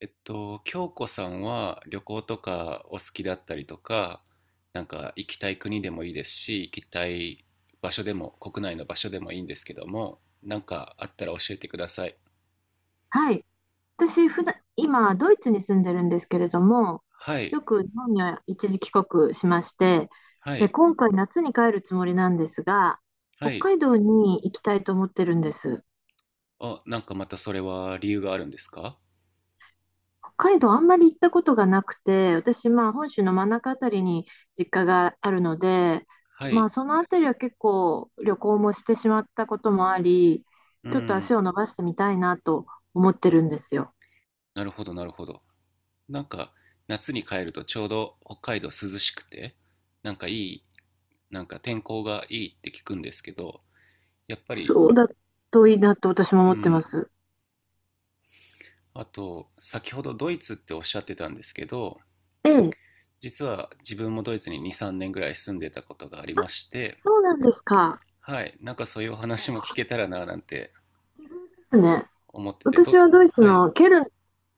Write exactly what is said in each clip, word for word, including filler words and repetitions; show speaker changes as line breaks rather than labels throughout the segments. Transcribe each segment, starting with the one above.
えっと、京子さんは旅行とかお好きだったりとか、なんか行きたい国でもいいですし、行きたい場所でも、国内の場所でもいいんですけども、なんかあったら教えてください。
はい。私、普段、今、ドイツに住んでるんですけれども、
は
よ
い、
く日本には一時帰国しまして、
は
で、
い、
今回夏に帰るつもりなんですが、
は
北
い。
海道に行きたいと思ってるんです。
あ、なんかまたそれは理由があるんですか？
北海道あんまり行ったことがなくて、私、まあ、本州の真ん中あたりに実家があるので、
は
ま
い、
あ、そのあたりは結構旅行もしてしまったこともあり、
う
ちょっと
ん、
足を伸ばしてみたいなと思ってるんですよ。
なるほど、なるほど。なんか夏に帰るとちょうど北海道涼しくて、なんかいい、なんか天候がいいって聞くんですけど、やっぱり、
そうだといいなと私も
う
思ってま
ん、
す。
あと、先ほどドイツっておっしゃってたんですけど、
ええ、
実は自分もドイツにに、さんねんぐらい住んでたことがありまして、
そうなんですか。
はい、なんかそういうお話も聞けたらななんて
奇遇ですね。
思ってて、
私
ど、
はドイツ
はい、
のケルンっ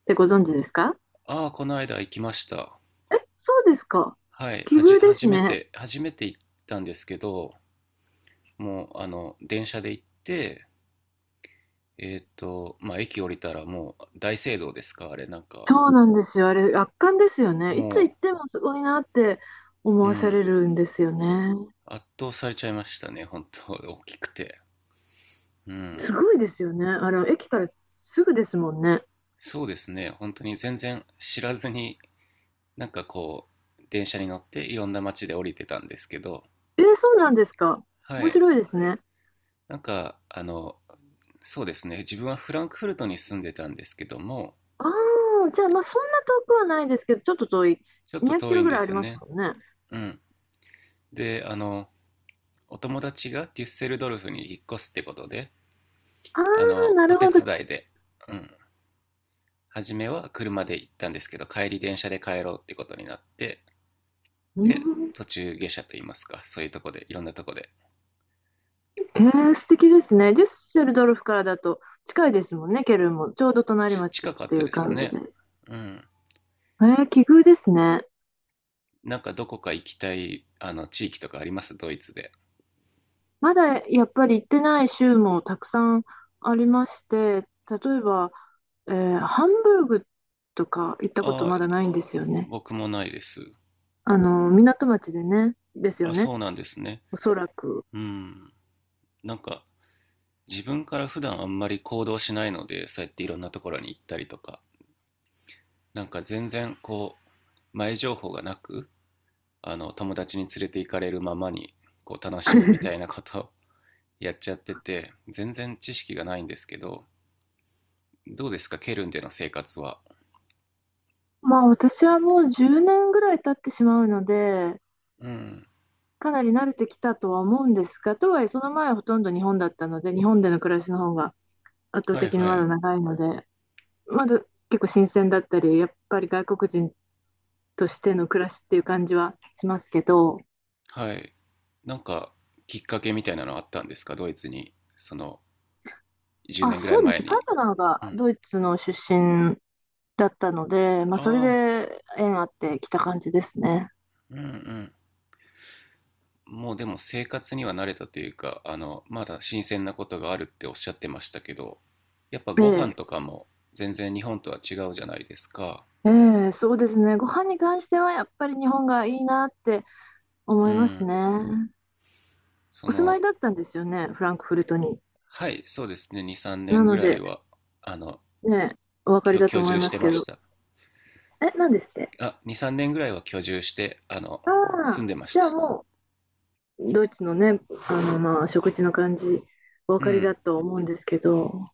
てご存知ですか？
ああ、この間行きました。
え、そうですか。
はい、
奇
はじ、
遇です
初め
ね。
て、初めて行ったんですけど、もう、あの、電車で行って、えっと、まあ、駅降りたらもう大聖堂ですか、あれ、なんか、
そうなんですよ。あれ、圧巻ですよね。いつ行
も
ってもすごいなって思
う、う
わされ
ん、
るんですよね。
圧倒されちゃいましたね、本当大きくて。うん。
すごいですよね。あの、駅からすぐですもんね。
そうですね、本当に全然知らずに、なんかこう、電車に乗っていろんな街で降りてたんですけど、
えー、そうなんですか。
は
面
い、
白いですね。
なんか、あの、そうですね、自分はフランクフルトに住んでたんですけども、
ああ、じゃあ、まあ、そんな遠くはないですけど、ちょっと遠い。
ちょっ
200
と
キ
遠い
ロ
ん
ぐ
で
らいあ
す
り
よ
ます
ね。
もんね。
うん。で、あの、お友達がデュッセルドルフに引っ越すってことで、
あ
あ
あ、
の、
な
お
る
手
ほど。
伝いで、うん、初めは車で行ったんですけど、帰り電車で帰ろうってことになって、
うー
で、
ん
途中下車といいますか、そういうとこで、いろんなとこで
えー、素敵ですね。デュッセルドルフからだと近いですもんね、ケルンも。ちょうど隣町っ
近かっ
てい
た
う
です
感じ
ね。
で。
うん。
えー、奇遇ですね。
なんかどこか行きたい、あの、地域とかありますドイツで。
まだやっぱり行ってない州もたくさんありまして、例えば、えーハンブーグとか行ったこと
ああ、
まだないんですよね。
僕もないです。
あの、港町でね、ですよ
あ、
ね、
そうなんですね。
おそらく。
うん。なんか、自分から普段あんまり行動しないので、そうやっていろんなところに行ったりとか、なんか全然こう、前情報がなく、あの、友達に連れて行かれるままに、こう、楽しむみたい なことを やっちゃってて、全然知識がないんですけど、どうですかケルンでの生活は？
まあ私はもうじゅうねんぐらい経ってしまうので、
うん。
かなり慣れてきたとは思うんですが、とはいえその前はほとんど日本だったので、日本での暮らしの方が圧倒
はい
的に
は
まだ
い。
長いので、まだ結構新鮮だったり、やっぱり外国人としての暮らしっていう感じはしますけど、
はい。なんか、きっかけみたいなのあったんですかドイツに、その、10
あ、
年ぐらい
そうで
前
す。パー
に。
トナーが
うん。
ドイツの出身だったので、まあ、
あ
それ
あ、
で縁あってきた感じですね。
うんうん。もうでも生活には慣れたというか、あの、まだ新鮮なことがあるっておっしゃってましたけど、やっぱ
え
ご
え、
飯とかも全然日本とは違うじゃないですか。
ええ、そうですね。ご飯に関してはやっぱり日本がいいなって思
う
います
ん。
ね。
そ
お住まい
の、
だったんですよね、フランクフルトに。
はい、そうですね。に、3
な
年ぐ
の
らい
で、
は、あの、
ね、お分かり
居、
だと
居
思い
住し
ま
て
すけ
まし
ど。
た。
え、何ですって？
あ、に、さんねんぐらいは居住して、あの、
あ
住ん
あ、
でまし
じゃあ
た。
も、ドイツのね、あの、まあ、食事の感じ、お分
う
かり
ん。
だと思うんですけど、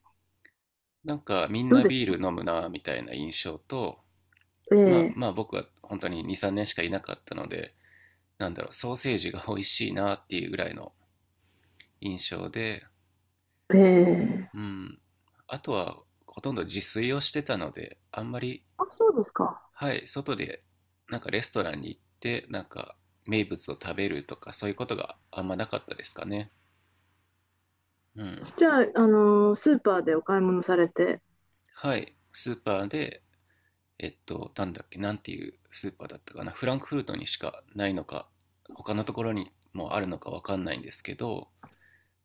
なんかみん
どう
な
です？
ビール飲むなみたいな印象と、
え
まあ
え、
まあ僕は本当にに、さんねんしかいなかったので、なんだろう、ソーセージが美味しいなっていうぐらいの印象で、
ええ、
うん。あとはほとんど自炊をしてたので、あんまり、
あ、そうですか。
はい、外でなんかレストランに行って、なんか名物を食べるとかそういうことがあんまなかったですかね。うん。
じゃあ、あの、スーパーでお買い物されて、
はい。スーパーでえっと、なんだっけ、なんていうスーパーだったかな、フランクフルトにしかないのか、他のところにもあるのかわかんないんですけど、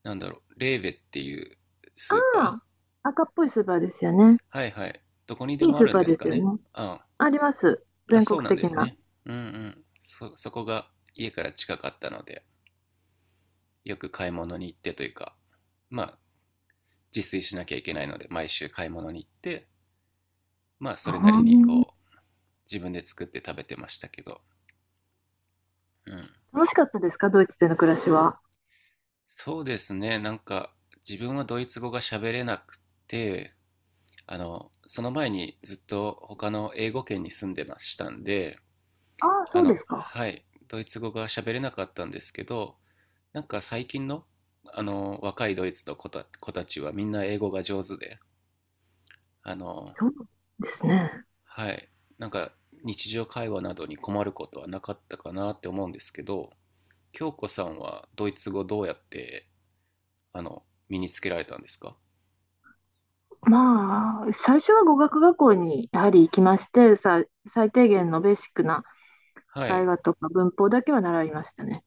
なんだろう、レーベっていうスー
あ
パ
あ、赤っぽいスーパーですよね。
ーはいはい。どこにで
いい
もあ
スー
るん
パー
で
で
すか
すよね。
ね？あ
あります。
あ、
全国
そうなんで
的
す
な。
ね。うんうん。そ、そこが家から近かったので、よく買い物に行ってというか、まあ、自炊しなきゃいけないので、毎週買い物に行って、まあ、
う
それなりに
ん。
こう、自分で作って食べてましたけど、うん。
楽しかったですかドイツでの暮らしは？
そうですね、なんか自分はドイツ語が喋れなくて、あの、その前にずっと他の英語圏に住んでましたんで、
ああ、
あ
そうで
の、
すか。
はい、ドイツ語が喋れなかったんですけど、なんか最近の、あの、若いドイツの子た、子たちはみんな英語が上手で、あの、
そうですね。
はい、なんか日常会話などに困ることはなかったかなって思うんですけど、京子さんはドイツ語どうやって、あの、身につけられたんですか？
まあ、最初は語学学校にやはり行きまして、さ、最低限のベーシックな
は
会
い。
話とか文法だけは習いましたね。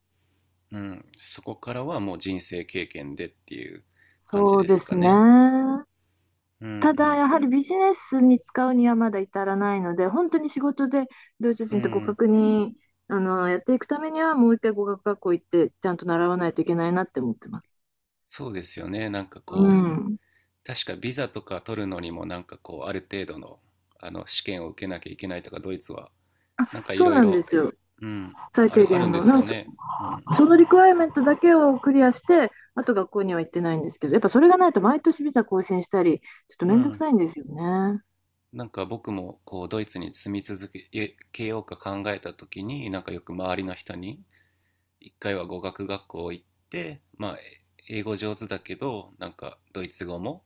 うん、そこからはもう人生経験でっていう感じ
そう
で
で
す
す
か
ね。
ね。う
ただ、
ん
やはりビジネスに使うにはまだ至らないので、本当に仕事でドイツ
うん。
人
う
と互
ん。
角に、あの、やっていくためには、もう一回語学学校行って、ちゃんと習わないといけないなって思ってます。
そうですよね。なんか
う
こう、
ん、
確かビザとか取るのにもなんかこう、ある程度の、あの、試験を受けなきゃいけないとか、ドイツは、なんかい
そ
ろ
う
い
なんで
ろ、
すよ、
うん、
最
あ
低
る、ある
限
んで
の。
す
な
よ
んか
ね。
そ
うん。
そのリクワイアメントだけをクリアして、あと学校には行ってないんですけど、やっぱそれがないと毎年ビザ更新したり、ちょっと
う
めんどく
ん。
さいんですよね。
なんか僕もこう、ドイツに住み続けようか考えた時に、なんかよく周りの人に、一回は語学学校行って、まあ、英語上手だけど、なんかドイツ語も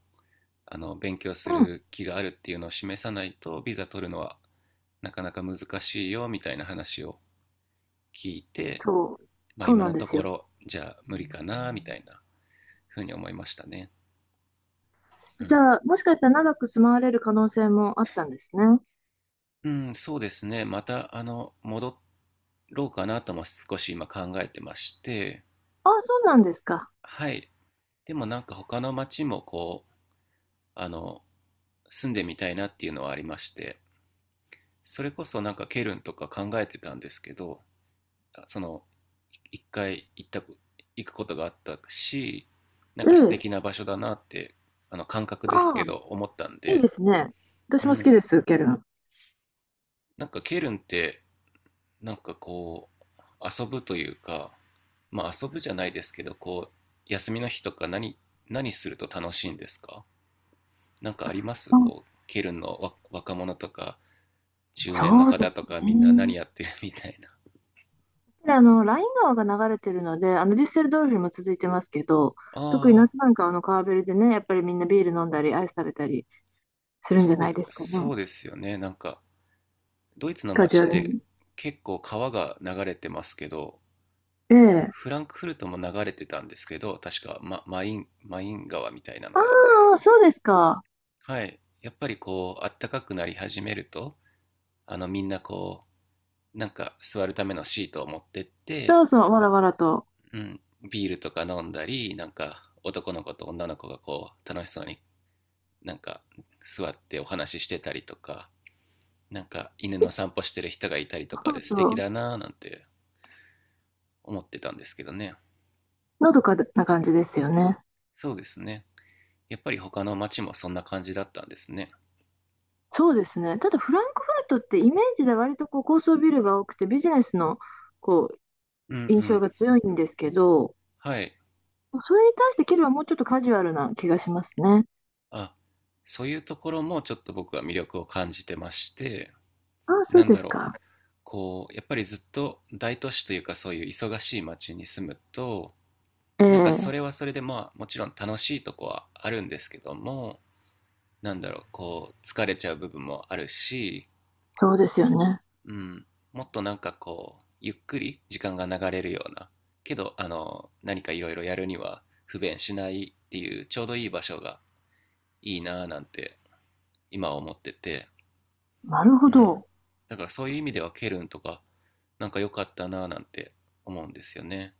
あの勉強す
うん、
る気があるっていうのを示さないとビザ取るのはなかなか難しいよみたいな話を聞いて、
そう、
まあ、
そう
今
なん
の
で
と
す
こ
よ。
ろじゃあ無理かなみたいなふうに思いましたね。う
じ
ん
ゃあ、もしかしたら長く住まわれる可能性もあったんですね。
うん、そうですね。また、あの、戻ろうかなとも少し今考えてまして、
ああ、そうなんですか。
はい。でもなんか他の町もこう、あの、住んでみたいなっていうのはありまして、それこそなんかケルンとか考えてたんですけど、その一回行った行くことがあったしなん
え
か素
え。
敵な場所だなってあの感覚です
あ
け
あ、
ど思ったん
いいで
で、
すね。私
う
も好き
ん、
です、ケルン。
なんかケルンってなんかこう遊ぶというかまあ遊ぶじゃないですけどこう休みの日とか何何すると楽しいんですか？何かあります
あ、
こうケルンの若者とか中年の
そうで
方と
す
かみんな
ね。
何やってるみたいな？
で、あの、ライン川が流れてるので、あの、デュッセルドルフも続いてますけど、特に
ああ
夏なんかはあの川べりでね、やっぱりみんなビール飲んだり、アイス食べたりするんじゃ
そう
ないですかね。
そうですよねなんかドイツの
カジュ
街
ア
っ
ル
て
に。
結構川が流れてますけど、
ええ。
フランクフルトも流れてたんですけど、確かママイン、マイン川みたいなの
あ
が。
あ、そうですか。
はい。やっぱりこう、あったかくなり始めると、あのみんなこう、なんか座るためのシートを持ってって、
そうそう、わらわらと。
うん、ビールとか飲んだり、なんか男の子と女の子がこう、楽しそうになんか座ってお話ししてたりとか、なんか犬の散歩してる人がいたりとか
そう
で素
そ
敵
う。
だなぁなんて思ってたんですけどね。
のどかな感じですよね。
そうですね。やっぱり他の町もそんな感じだったんですね。
そうですね。ただフランクフルトってイメージで割とこう高層ビルが多くてビジネスのこう
うんう
印象
ん。
が強いんですけど、
はい。
それに対してケルンはもうちょっとカジュアルな気がしますね。
あ、そういうところもちょっと僕は魅力を感じてまして、
ああ、そう
なん
で
だ
す
ろう。
か。
こう、やっぱりずっと大都市というかそういう忙しい町に住むと、
え
なんかそ
え、
れはそれでまあもちろん楽しいとこはあるんですけども、なんだろう、こう疲れちゃう部分もあるし、
そうですよね。
うん、もっとなんかこうゆっくり時間が流れるようなけどあの何かいろいろやるには不便しないっていうちょうどいい場所がいいなぁなんて今は思ってて、
なる
う
ほ
ん、
ど。
だからそういう意味ではケルンとかなんか良かったなぁなんて思うんですよね。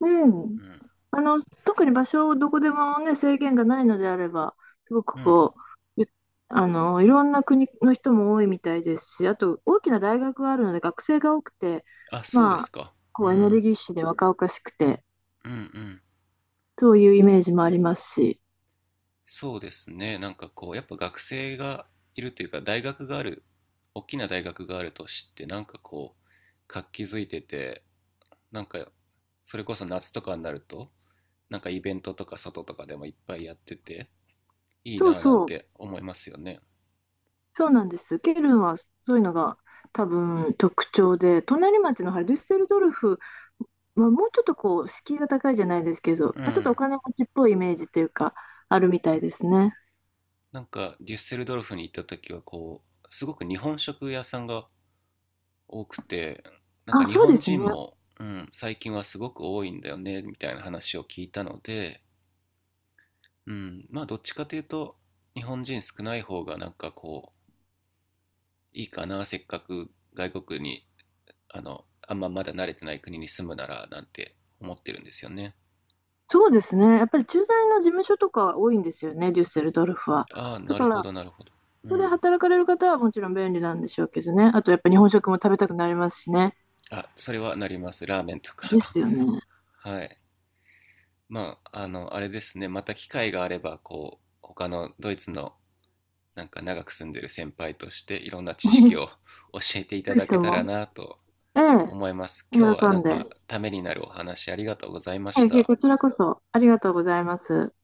うん。
う
あの、特に場所をどこでもね、制限がないのであれば、すご
ん、
く
うん、
こう、ゆあの、いろんな国の人も多いみたいですし、あと大きな大学があるので学生が多くて、
あそうで
ま
す
あ、
か。う
こうエネル
ん、
ギッシュで若々しくて、
うん、うん、
そういうイメージもありますし、
そうですね。なんかこうやっぱ学生がいるというか大学がある大きな大学があるとしてなんかこう活気づいててなんかそれこそ夏とかになるとなんかイベントとか外とかでもいっぱいやってていい
そう
なぁなん
そう、
て思いますよね。
そうなんです。ケルンはそういうのが多分特徴で、隣町のハルデュッセルドルフはもうちょっとこう、敷居が高いじゃないですけど、
う
まあちょっとお
ん。
金持ちっぽいイメージというか、あるみたいですね。
なんかデュッセルドルフに行った時はこうすごく日本食屋さんが多くてなんか
あ、
日
そうで
本
すね。
人も、うん、最近はすごく多いんだよねみたいな話を聞いたので、うん、まあどっちかというと日本人少ない方がなんかこういいかなせっかく外国にあの、あんままだ慣れてない国に住むならなんて思ってるんですよね。
そうですね。やっぱり駐在の事務所とか多いんですよね、デュッセルドルフは。
ああ、
だ
な
か
るほ
ら、
ど、なるほど。
そ
う
こで
ん。
働かれる方はもちろん便利なんでしょうけどね。あと、やっぱ日本食も食べたくなりますしね。
あ、それはなります。ラーメンと
で
か
すよね。
はい。まあ、あの、あれですね。また機会があれば、こう、他のドイツのなんか長く住んでる先輩としていろんな知識を 教えていた
ぜひ
だ
と
けた
も、
らなと
ええ、
思います。
喜
今日はなん
んで。
かためになるお話ありがとうございま
え
し
え、
た。
こちらこそありがとうございます。